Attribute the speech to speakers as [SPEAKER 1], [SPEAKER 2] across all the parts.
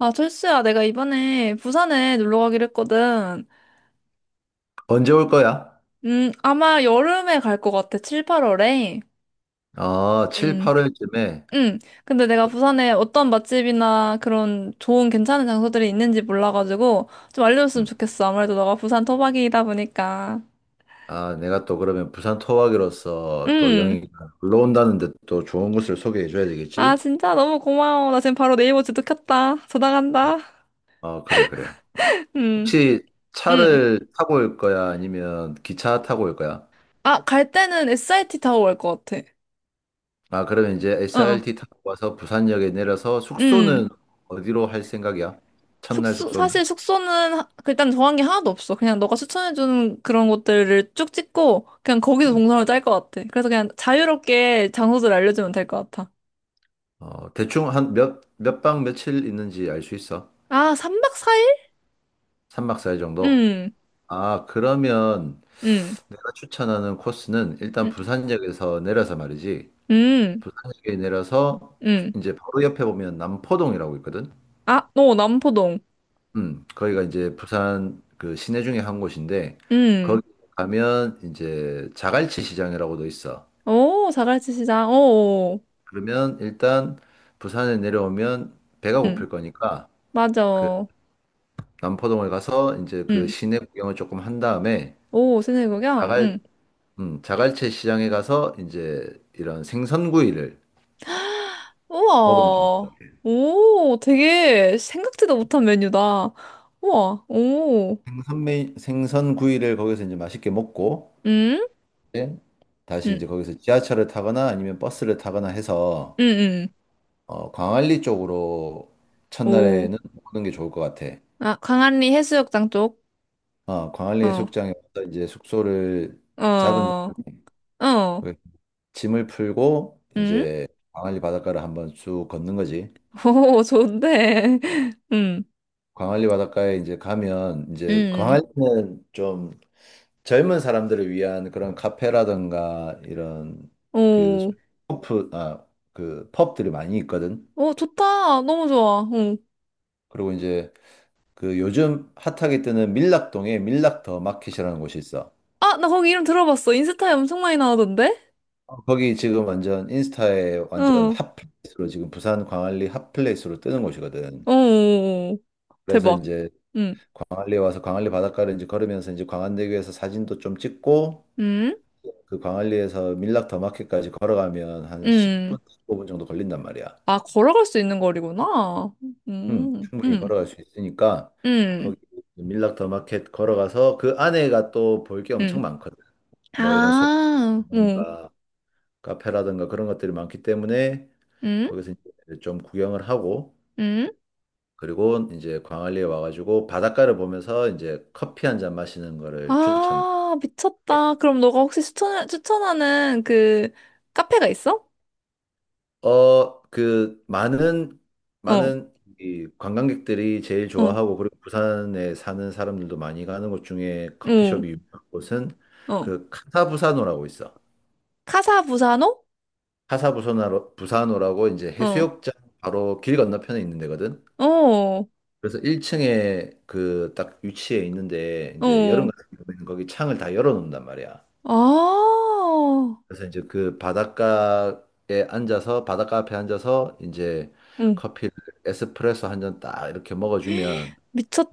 [SPEAKER 1] 아, 철수야, 내가 이번에 부산에 놀러 가기로 했거든.
[SPEAKER 2] 언제 올 거야?
[SPEAKER 1] 아마 여름에 갈 것 같아, 7, 8월에.
[SPEAKER 2] 아, 7,
[SPEAKER 1] 음,
[SPEAKER 2] 8월쯤에.
[SPEAKER 1] 근데 내가 부산에 어떤 맛집이나 그런 좋은 괜찮은 장소들이 있는지 몰라가지고 좀 알려줬으면 좋겠어. 아무래도 너가 부산 토박이다 보니까.
[SPEAKER 2] 아, 내가 또 그러면 부산 토박이로서 또
[SPEAKER 1] 음.
[SPEAKER 2] 영희가 올라온다는데 또 좋은 곳을 소개해 줘야
[SPEAKER 1] 아,
[SPEAKER 2] 되겠지?
[SPEAKER 1] 진짜 너무 고마워. 나 지금 바로 네이버 지도 켰다. 전화 간다.
[SPEAKER 2] 아, 그래, 그래.
[SPEAKER 1] 음,
[SPEAKER 2] 혹시
[SPEAKER 1] 음.
[SPEAKER 2] 차를 타고 올 거야? 아니면 기차 타고 올 거야?
[SPEAKER 1] 아, 갈 때는 SIT 타고 갈 것 같아.
[SPEAKER 2] 아, 그러면 이제
[SPEAKER 1] 어, 어.
[SPEAKER 2] SRT 타고 와서 부산역에 내려서
[SPEAKER 1] 음.
[SPEAKER 2] 숙소는 어디로 할 생각이야? 첫날
[SPEAKER 1] 숙소, 사실
[SPEAKER 2] 숙소는?
[SPEAKER 1] 숙소는 그 일단 정한 게 하나도 없어. 그냥 너가 추천해주는 그런 곳들을 쭉 찍고, 그냥 거기서
[SPEAKER 2] 음.
[SPEAKER 1] 동선을 짤 것 같아. 그래서 그냥 자유롭게 장소들 알려주면 될 것 같아.
[SPEAKER 2] 대충 한 몇 박 며칠 있는지 알 수 있어?
[SPEAKER 1] 아, 3박 4일?
[SPEAKER 2] 3박 4일 정도?
[SPEAKER 1] 음,
[SPEAKER 2] 아, 그러면
[SPEAKER 1] 음,
[SPEAKER 2] 내가 추천하는 코스는 일단
[SPEAKER 1] 음,
[SPEAKER 2] 부산역에서 내려서 말이지.
[SPEAKER 1] 음.
[SPEAKER 2] 부산역에 내려서
[SPEAKER 1] 음.
[SPEAKER 2] 이제 바로 옆에 보면 남포동이라고 있거든.
[SPEAKER 1] 아, 너 남포동.
[SPEAKER 2] 거기가 이제 부산 그 시내 중에 한 곳인데
[SPEAKER 1] 음.
[SPEAKER 2] 거기 가면 이제 자갈치 시장이라고도 있어.
[SPEAKER 1] 오, 자갈치 시장. 오,
[SPEAKER 2] 그러면 일단 부산에 내려오면 배가
[SPEAKER 1] 음.
[SPEAKER 2] 고플 거니까 그
[SPEAKER 1] 맞아.
[SPEAKER 2] 남포동을 가서 이제 그
[SPEAKER 1] 음.
[SPEAKER 2] 시내 구경을 조금 한 다음에
[SPEAKER 1] 오, 시내구경.
[SPEAKER 2] 자갈
[SPEAKER 1] 음.
[SPEAKER 2] 자갈치 시장에 가서 이제 이런 생선구이를 먹으면 좋을 것
[SPEAKER 1] 우와.
[SPEAKER 2] 같아.
[SPEAKER 1] 오, 되게 생각지도 못한 메뉴다. 우와, 오.
[SPEAKER 2] 생선 구이를 거기서 이제 맛있게 먹고
[SPEAKER 1] 음?
[SPEAKER 2] 이제 다시
[SPEAKER 1] 음.
[SPEAKER 2] 이제 거기서 지하철을 타거나 아니면 버스를 타거나 해서
[SPEAKER 1] 응, 응.
[SPEAKER 2] 광안리 쪽으로
[SPEAKER 1] 오.
[SPEAKER 2] 첫날에는 오는 게 좋을 것 같아.
[SPEAKER 1] 아, 광안리 해수욕장 쪽?
[SPEAKER 2] 광안리
[SPEAKER 1] 어,
[SPEAKER 2] 해수욕장에 와서 이제 숙소를
[SPEAKER 1] 어,
[SPEAKER 2] 잡은
[SPEAKER 1] 어,
[SPEAKER 2] 다음에 거기 짐을 풀고
[SPEAKER 1] 응?
[SPEAKER 2] 이제 광안리 바닷가를 한번 쭉 걷는 거지.
[SPEAKER 1] 오, 좋은데. 응,
[SPEAKER 2] 광안리 바닷가에 이제 가면 이제
[SPEAKER 1] 응,
[SPEAKER 2] 광안리는 좀 젊은 사람들을 위한 그런 카페라든가 이런 그
[SPEAKER 1] 오.
[SPEAKER 2] 펍, 아, 그 펍들이 많이 있거든.
[SPEAKER 1] 오, 좋다. 너무 좋아. 어.
[SPEAKER 2] 그리고 이제 그 요즘 핫하게 뜨는 밀락동에 밀락 더 마켓이라는 곳이 있어.
[SPEAKER 1] 아, 나 거기 이름 들어봤어. 인스타에 엄청 많이 나오던데?
[SPEAKER 2] 거기 지금 완전 인스타에 완전
[SPEAKER 1] 응,
[SPEAKER 2] 핫플레이스로 지금 부산 광안리 핫플레이스로 뜨는 곳이거든.
[SPEAKER 1] 오.
[SPEAKER 2] 그래서
[SPEAKER 1] 대박.
[SPEAKER 2] 이제
[SPEAKER 1] 응,
[SPEAKER 2] 광안리에 와서 광안리 바닷가를 이제 걸으면서 이제 광안대교에서 사진도 좀 찍고
[SPEAKER 1] 응,
[SPEAKER 2] 그 광안리에서 밀락 더 마켓까지 걸어가면 한
[SPEAKER 1] 응.
[SPEAKER 2] 10분, 15분 정도 걸린단 말이야.
[SPEAKER 1] 아, 걸어갈 수 있는 거리구나. 응,
[SPEAKER 2] 충분히
[SPEAKER 1] 응,
[SPEAKER 2] 걸어갈 수 있으니까 거기
[SPEAKER 1] 응,
[SPEAKER 2] 밀락 더 마켓 걸어가서 그 안에가 또 볼 게
[SPEAKER 1] 응.
[SPEAKER 2] 엄청 많거든. 뭐 이런
[SPEAKER 1] 아, 응,
[SPEAKER 2] 소품이라든가 카페라든가 그런 것들이 많기 때문에
[SPEAKER 1] 응,
[SPEAKER 2] 거기서 이제 좀 구경을 하고
[SPEAKER 1] 응.
[SPEAKER 2] 그리고 이제 광안리에 와가지고 바닷가를 보면서 이제 커피 한 잔 마시는 거를 추천.
[SPEAKER 1] 아, 미쳤다. 그럼 너가 혹시 추천하는 그 카페가 있어?
[SPEAKER 2] 그 많은
[SPEAKER 1] 어,
[SPEAKER 2] 많은 이 관광객들이 제일
[SPEAKER 1] 어,
[SPEAKER 2] 좋아하고 그리고 부산에 사는 사람들도 많이 가는 곳 중에
[SPEAKER 1] 어,
[SPEAKER 2] 커피숍이 유명한 곳은
[SPEAKER 1] 어.
[SPEAKER 2] 그 카사부사노라고 있어.
[SPEAKER 1] 카사부사노?
[SPEAKER 2] 카사부사노라고 부사노라고 이제
[SPEAKER 1] 어,
[SPEAKER 2] 해수욕장 바로 길 건너편에 있는 데거든.
[SPEAKER 1] 어,
[SPEAKER 2] 그래서 1층에 그 딱 위치에 있는데 이제 여름
[SPEAKER 1] 어.
[SPEAKER 2] 같은 경우에는 거기 창을 다 열어 놓는단 말이야.
[SPEAKER 1] 아,
[SPEAKER 2] 그래서 이제 그 바닷가에 앉아서 바닷가 앞에 앉아서 이제
[SPEAKER 1] 응,
[SPEAKER 2] 커피를 에스프레소 한 잔 딱 이렇게 먹어주면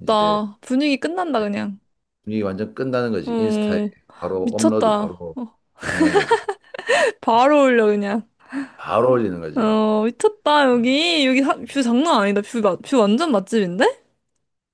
[SPEAKER 2] 이제
[SPEAKER 1] 분위기 끝난다, 그냥.
[SPEAKER 2] 분위기 완전 끝나는 거지. 인스타에
[SPEAKER 1] 어,
[SPEAKER 2] 바로 업로드
[SPEAKER 1] 미쳤다.
[SPEAKER 2] 바로 가능한 거지.
[SPEAKER 1] 바로 올려, 그냥.
[SPEAKER 2] 바로 올리는 거지.
[SPEAKER 1] 어, 미쳤다, 여기. 여기 뷰 장난 아니다. 뷰, 뷰 완전 맛집인데?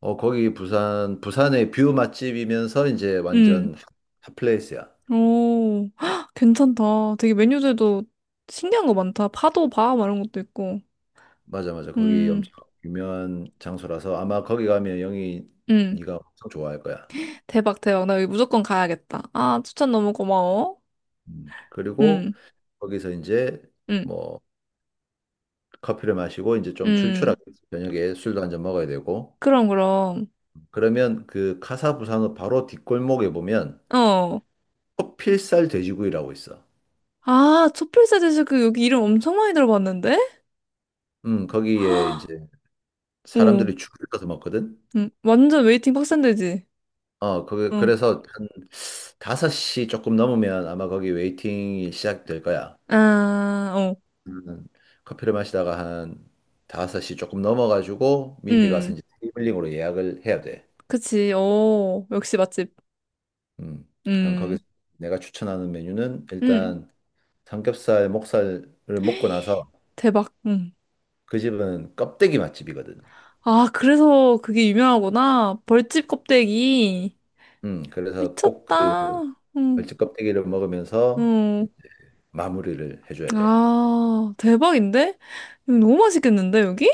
[SPEAKER 2] 거기 부산의 뷰 맛집이면서 이제
[SPEAKER 1] 응.
[SPEAKER 2] 완전 핫플레이스야.
[SPEAKER 1] 오, 헉, 괜찮다. 되게 메뉴들도 신기한 거 많다. 파도바 막 이런 것도 있고.
[SPEAKER 2] 맞아 맞아. 거기
[SPEAKER 1] 음,
[SPEAKER 2] 엄청 유명한 장소라서 아마 거기 가면 영희
[SPEAKER 1] 음.
[SPEAKER 2] 네가 엄청 좋아할 거야.
[SPEAKER 1] 대박, 대박. 나 여기 무조건 가야겠다. 아, 추천 너무 고마워.
[SPEAKER 2] 그리고
[SPEAKER 1] 음,
[SPEAKER 2] 거기서 이제
[SPEAKER 1] 음,
[SPEAKER 2] 뭐 커피를 마시고 이제 좀
[SPEAKER 1] 음.
[SPEAKER 2] 출출하게 저녁에 술도 한잔 먹어야 되고
[SPEAKER 1] 그럼, 그럼.
[SPEAKER 2] 그러면 그 카사부산호 바로 뒷골목에 보면
[SPEAKER 1] 어.
[SPEAKER 2] 커필살 돼지구이라고 있어.
[SPEAKER 1] 아, 초필사 제시 그 여기 이름 엄청 많이 들어봤는데?
[SPEAKER 2] 거기에 이제 사람들이
[SPEAKER 1] 오,
[SPEAKER 2] 줄을 서서 먹거든.
[SPEAKER 1] 완전 웨이팅 빡센데지? 어.
[SPEAKER 2] 그래서 한 5시 조금 넘으면 아마 거기 웨이팅이 시작될 거야.
[SPEAKER 1] 아, 어.
[SPEAKER 2] 음, 커피를 마시다가 한 5시 조금 넘어가지고 미리 가서
[SPEAKER 1] 음.
[SPEAKER 2] 이제 테이블링으로 예약을 해야 돼.
[SPEAKER 1] 그치. 오, 역시 맛집.
[SPEAKER 2] 음 그럼
[SPEAKER 1] 음,
[SPEAKER 2] 거기서 내가 추천하는 메뉴는
[SPEAKER 1] 음.
[SPEAKER 2] 일단 삼겹살, 목살을 먹고 나서
[SPEAKER 1] 대박. 음.
[SPEAKER 2] 그 집은 껍데기 맛집이거든.
[SPEAKER 1] 아, 그래서 그게 유명하구나. 벌집 껍데기.
[SPEAKER 2] 그래서 꼭 그
[SPEAKER 1] 미쳤다. 응
[SPEAKER 2] 벌집 껍데기를 먹으면서
[SPEAKER 1] 응.
[SPEAKER 2] 마무리를 해줘야 돼.
[SPEAKER 1] 아, 대박인데? 이거 너무 맛있겠는데, 여기?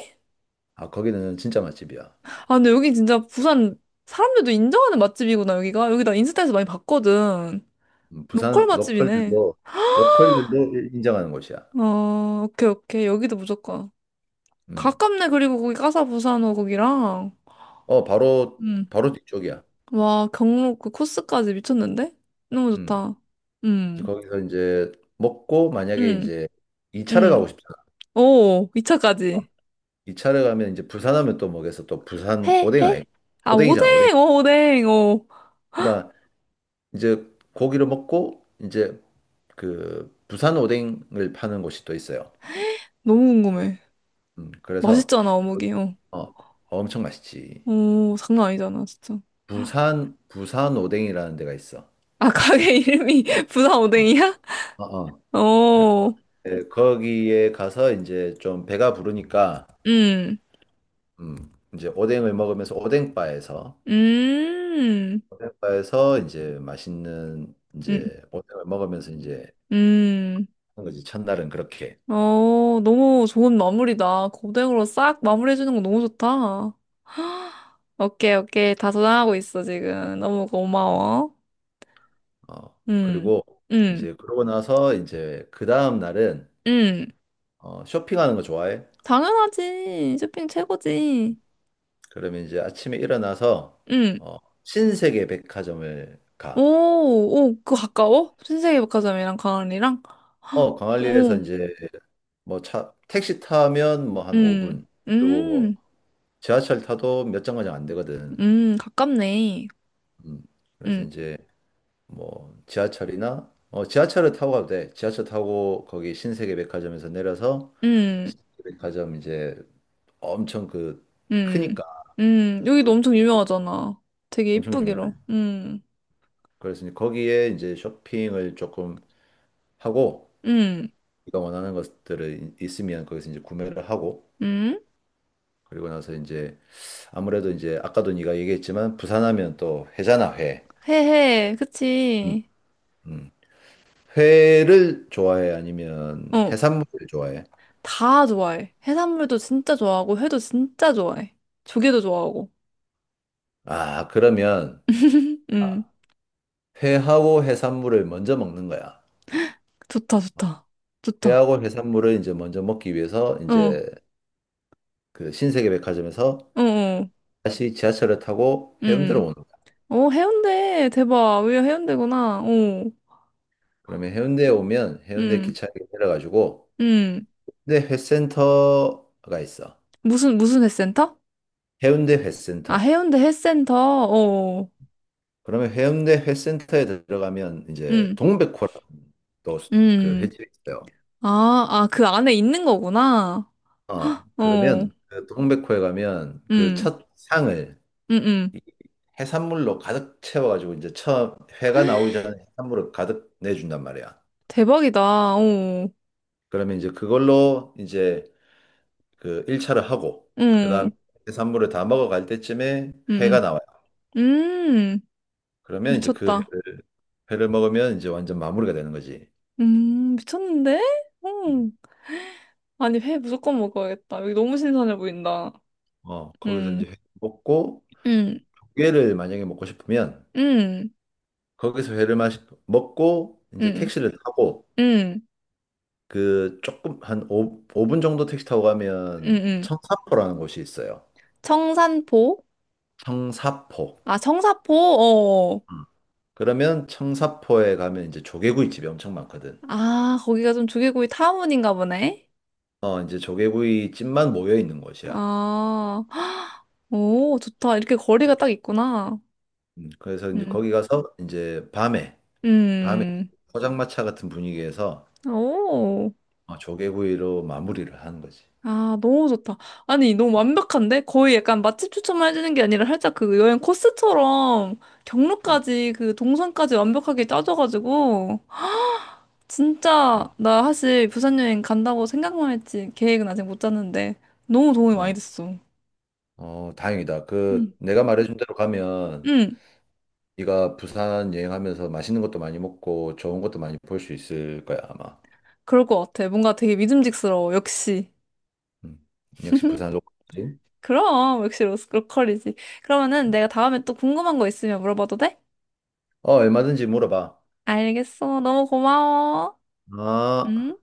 [SPEAKER 2] 아, 거기는 진짜 맛집이야.
[SPEAKER 1] 아, 근데 여기 진짜 부산 사람들도 인정하는 맛집이구나, 여기가. 여기 나 인스타에서 많이 봤거든. 로컬
[SPEAKER 2] 부산
[SPEAKER 1] 맛집이네.
[SPEAKER 2] 로컬들도 인정하는 곳이야.
[SPEAKER 1] 어, 오케이, 오케이. 여기도 무조건.
[SPEAKER 2] 음,
[SPEAKER 1] 가깝네, 그리고 거기 까사부산호 거기랑.
[SPEAKER 2] 어, 바로
[SPEAKER 1] 응.
[SPEAKER 2] 바로 뒤쪽이야.
[SPEAKER 1] 와, 경로 그 코스까지 미쳤는데? 너무
[SPEAKER 2] 음,
[SPEAKER 1] 좋다. 응,
[SPEAKER 2] 그래서 거기서 이제 먹고 만약에
[SPEAKER 1] 응,
[SPEAKER 2] 이제 2차를
[SPEAKER 1] 응.
[SPEAKER 2] 가고 싶잖아.
[SPEAKER 1] 오, 2차까지.
[SPEAKER 2] 2차를 가면 이제 부산하면 또 먹여서 또 부산
[SPEAKER 1] 회,
[SPEAKER 2] 오뎅
[SPEAKER 1] 회?
[SPEAKER 2] 아이
[SPEAKER 1] 아, 오뎅,
[SPEAKER 2] 오뎅이잖아, 오뎅.
[SPEAKER 1] 어, 오뎅, 어.
[SPEAKER 2] 그러니까 이제 고기를 먹고 이제 그 부산 오뎅을 파는 곳이 또 있어요.
[SPEAKER 1] 너무 궁금해.
[SPEAKER 2] 그래서
[SPEAKER 1] 맛있잖아,
[SPEAKER 2] 거기-
[SPEAKER 1] 어묵이, 어.
[SPEAKER 2] 어, 엄청 맛있지.
[SPEAKER 1] 오, 장난 아니잖아, 진짜.
[SPEAKER 2] 부산 오뎅이라는 데가 있어.
[SPEAKER 1] 아, 가게 이름이 부산
[SPEAKER 2] 어,
[SPEAKER 1] 오뎅이야?
[SPEAKER 2] 어, 어. 그래.
[SPEAKER 1] 어,
[SPEAKER 2] 네, 거기에 가서 이제 좀 배가 부르니까
[SPEAKER 1] 음,
[SPEAKER 2] 이제 오뎅을 먹으면서 오뎅바에서
[SPEAKER 1] 음,
[SPEAKER 2] 오뎅바에서 이제 맛있는
[SPEAKER 1] 음,
[SPEAKER 2] 이제 오뎅을 먹으면서 이제
[SPEAKER 1] 음.
[SPEAKER 2] 하는 거지. 첫날은 그렇게.
[SPEAKER 1] 어, 너무 좋은 마무리다. 고등으로 싹 마무리해주는 거 너무 좋다. 오케이, 오케이. 다 저장하고 있어, 지금. 너무 고마워.
[SPEAKER 2] 어.
[SPEAKER 1] 음,
[SPEAKER 2] 그리고
[SPEAKER 1] 음,
[SPEAKER 2] 이제 그러고 나서 이제 그 다음 날은
[SPEAKER 1] 음.
[SPEAKER 2] 쇼핑하는 거 좋아해?
[SPEAKER 1] 당연하지. 쇼핑 최고지.
[SPEAKER 2] 그러면 이제 아침에 일어나서
[SPEAKER 1] 응.
[SPEAKER 2] 어, 신세계 백화점을
[SPEAKER 1] 오,
[SPEAKER 2] 가.
[SPEAKER 1] 오, 그거 가까워? 신세계 백화점이랑 강원이랑? 헉,
[SPEAKER 2] 광안리에서
[SPEAKER 1] 오,
[SPEAKER 2] 이제 뭐 차, 택시 타면 뭐 한
[SPEAKER 1] 음,
[SPEAKER 2] 5분. 그리고 뭐
[SPEAKER 1] 음,
[SPEAKER 2] 지하철 타도 몇 정거장 안 되거든.
[SPEAKER 1] 가깝네.
[SPEAKER 2] 음. 그래서
[SPEAKER 1] 음,
[SPEAKER 2] 이제 뭐 지하철을 타고 가도 돼. 지하철 타고 거기 신세계 백화점에서 내려서
[SPEAKER 1] 음,
[SPEAKER 2] 신세계 백화점 이제 엄청 그
[SPEAKER 1] 음,
[SPEAKER 2] 크니까
[SPEAKER 1] 여기도 엄청 유명하잖아. 되게
[SPEAKER 2] 엄청
[SPEAKER 1] 이쁘기로.
[SPEAKER 2] 유명한. 그래서 이제 거기에 이제 쇼핑을 조금 하고
[SPEAKER 1] 음,
[SPEAKER 2] 네가 원하는 것들을 있으면 거기서 이제 구매를 하고
[SPEAKER 1] 음,
[SPEAKER 2] 그리고 나서 이제 아무래도 이제 아까도 네가 얘기했지만 부산하면 또 회잖아 회.
[SPEAKER 1] 회해,
[SPEAKER 2] 음.
[SPEAKER 1] 그치.
[SPEAKER 2] 음. 회를 좋아해 아니면
[SPEAKER 1] 어,
[SPEAKER 2] 해산물을 좋아해?
[SPEAKER 1] 다 좋아해. 해산물도 진짜 좋아하고, 회도 진짜 좋아해. 조개도 좋아하고.
[SPEAKER 2] 아 그러면 아,
[SPEAKER 1] 음,
[SPEAKER 2] 회하고 해산물을 먼저 먹는 거야.
[SPEAKER 1] 좋다, 좋다. 좋다.
[SPEAKER 2] 회하고 해산물을 이제 먼저 먹기 위해서
[SPEAKER 1] 어!
[SPEAKER 2] 이제 그 신세계백화점에서
[SPEAKER 1] 어, 어,
[SPEAKER 2] 다시 지하철을 타고 해운대로
[SPEAKER 1] 음.
[SPEAKER 2] 오는 거야.
[SPEAKER 1] 어, 해운대. 대박. 왜 해운대구나. 어,
[SPEAKER 2] 그러면 해운대에 오면 해운대
[SPEAKER 1] 음,
[SPEAKER 2] 기차역에 내려가지고
[SPEAKER 1] 음.
[SPEAKER 2] 근데 회센터가 있어.
[SPEAKER 1] 무슨, 무슨 헬스센터?
[SPEAKER 2] 해운대
[SPEAKER 1] 아,
[SPEAKER 2] 회센터.
[SPEAKER 1] 해운대 헬스센터. 어,
[SPEAKER 2] 그러면 해운대 회센터에 들어가면 이제
[SPEAKER 1] 음,
[SPEAKER 2] 동백호라는 또그
[SPEAKER 1] 음.
[SPEAKER 2] 횟집이 있어요.
[SPEAKER 1] 아, 아, 그 안에 있는 거구나. 어,
[SPEAKER 2] 그러면 그 동백호에 가면 그
[SPEAKER 1] 음,
[SPEAKER 2] 첫 상을
[SPEAKER 1] 음, 음.
[SPEAKER 2] 이 해산물로 가득 채워가지고 이제 처음 회가 나오기 전에 해산물을 가득 내준단 말이야.
[SPEAKER 1] 대박이다. 어,
[SPEAKER 2] 그러면 이제 그걸로 이제 그 1차를 하고 그다음
[SPEAKER 1] 음,
[SPEAKER 2] 해산물을 다 먹어갈 때쯤에 회가
[SPEAKER 1] 음,
[SPEAKER 2] 나와요.
[SPEAKER 1] 음. 음,
[SPEAKER 2] 그러면 이제 그
[SPEAKER 1] 미쳤다.
[SPEAKER 2] 회를 먹으면 이제 완전 마무리가 되는 거지.
[SPEAKER 1] 미쳤는데?
[SPEAKER 2] 음.
[SPEAKER 1] 음. 아니, 회 무조건 먹어야겠다. 여기 너무 신선해 보인다.
[SPEAKER 2] 거기서
[SPEAKER 1] 음,
[SPEAKER 2] 이제 회 먹고
[SPEAKER 1] 음,
[SPEAKER 2] 회를 만약에 먹고 싶으면
[SPEAKER 1] 음,
[SPEAKER 2] 거기서 회를 먹고 이제
[SPEAKER 1] 음,
[SPEAKER 2] 택시를 타고
[SPEAKER 1] 음.
[SPEAKER 2] 그 조금 한 오분 정도 택시 타고 가면
[SPEAKER 1] 응응.
[SPEAKER 2] 청사포라는 곳이 있어요.
[SPEAKER 1] 청산포?
[SPEAKER 2] 청사포.
[SPEAKER 1] 아, 청사포? 어.
[SPEAKER 2] 음. 그러면 청사포에 가면 이제 조개구이 집이 엄청 많거든.
[SPEAKER 1] 아, 거기가 좀 조개구이 타운인가 보네.
[SPEAKER 2] 이제 조개구이 집만 모여 있는 곳이야.
[SPEAKER 1] 아, 헉, 오, 좋다. 이렇게 거리가 딱 있구나.
[SPEAKER 2] 그래서 이제
[SPEAKER 1] 음,
[SPEAKER 2] 거기 가서 이제 밤에
[SPEAKER 1] 음,
[SPEAKER 2] 포장마차 같은 분위기에서
[SPEAKER 1] 오.
[SPEAKER 2] 조개구이로 마무리를 하는 거지.
[SPEAKER 1] 아, 너무 좋다. 아니, 너무 완벽한데? 거의 약간 맛집 추천만 해주는 게 아니라 살짝 그 여행 코스처럼
[SPEAKER 2] 음.
[SPEAKER 1] 경로까지 그 동선까지 완벽하게 짜줘가지고. 진짜
[SPEAKER 2] 어.
[SPEAKER 1] 나 사실 부산 여행 간다고 생각만 했지 계획은 아직 못 짰는데 너무 도움이 많이
[SPEAKER 2] 어.
[SPEAKER 1] 됐어.
[SPEAKER 2] 어, 다행이다.
[SPEAKER 1] 응.
[SPEAKER 2] 그 내가 말해준 대로 가면
[SPEAKER 1] 응,
[SPEAKER 2] 네가 부산 여행하면서 맛있는 것도 많이 먹고 좋은 것도 많이 볼 수 있을 거야, 아마.
[SPEAKER 1] 그럴 것 같아. 뭔가 되게 믿음직스러워. 역시.
[SPEAKER 2] 음. 역시 부산 로컬이지.
[SPEAKER 1] 그럼 역시 로컬이지. 그러면은
[SPEAKER 2] 음.
[SPEAKER 1] 내가 다음에 또 궁금한 거 있으면 물어봐도 돼?
[SPEAKER 2] 어, 얼마든지 물어봐.
[SPEAKER 1] 알겠어. 너무 고마워.
[SPEAKER 2] 아.
[SPEAKER 1] 응?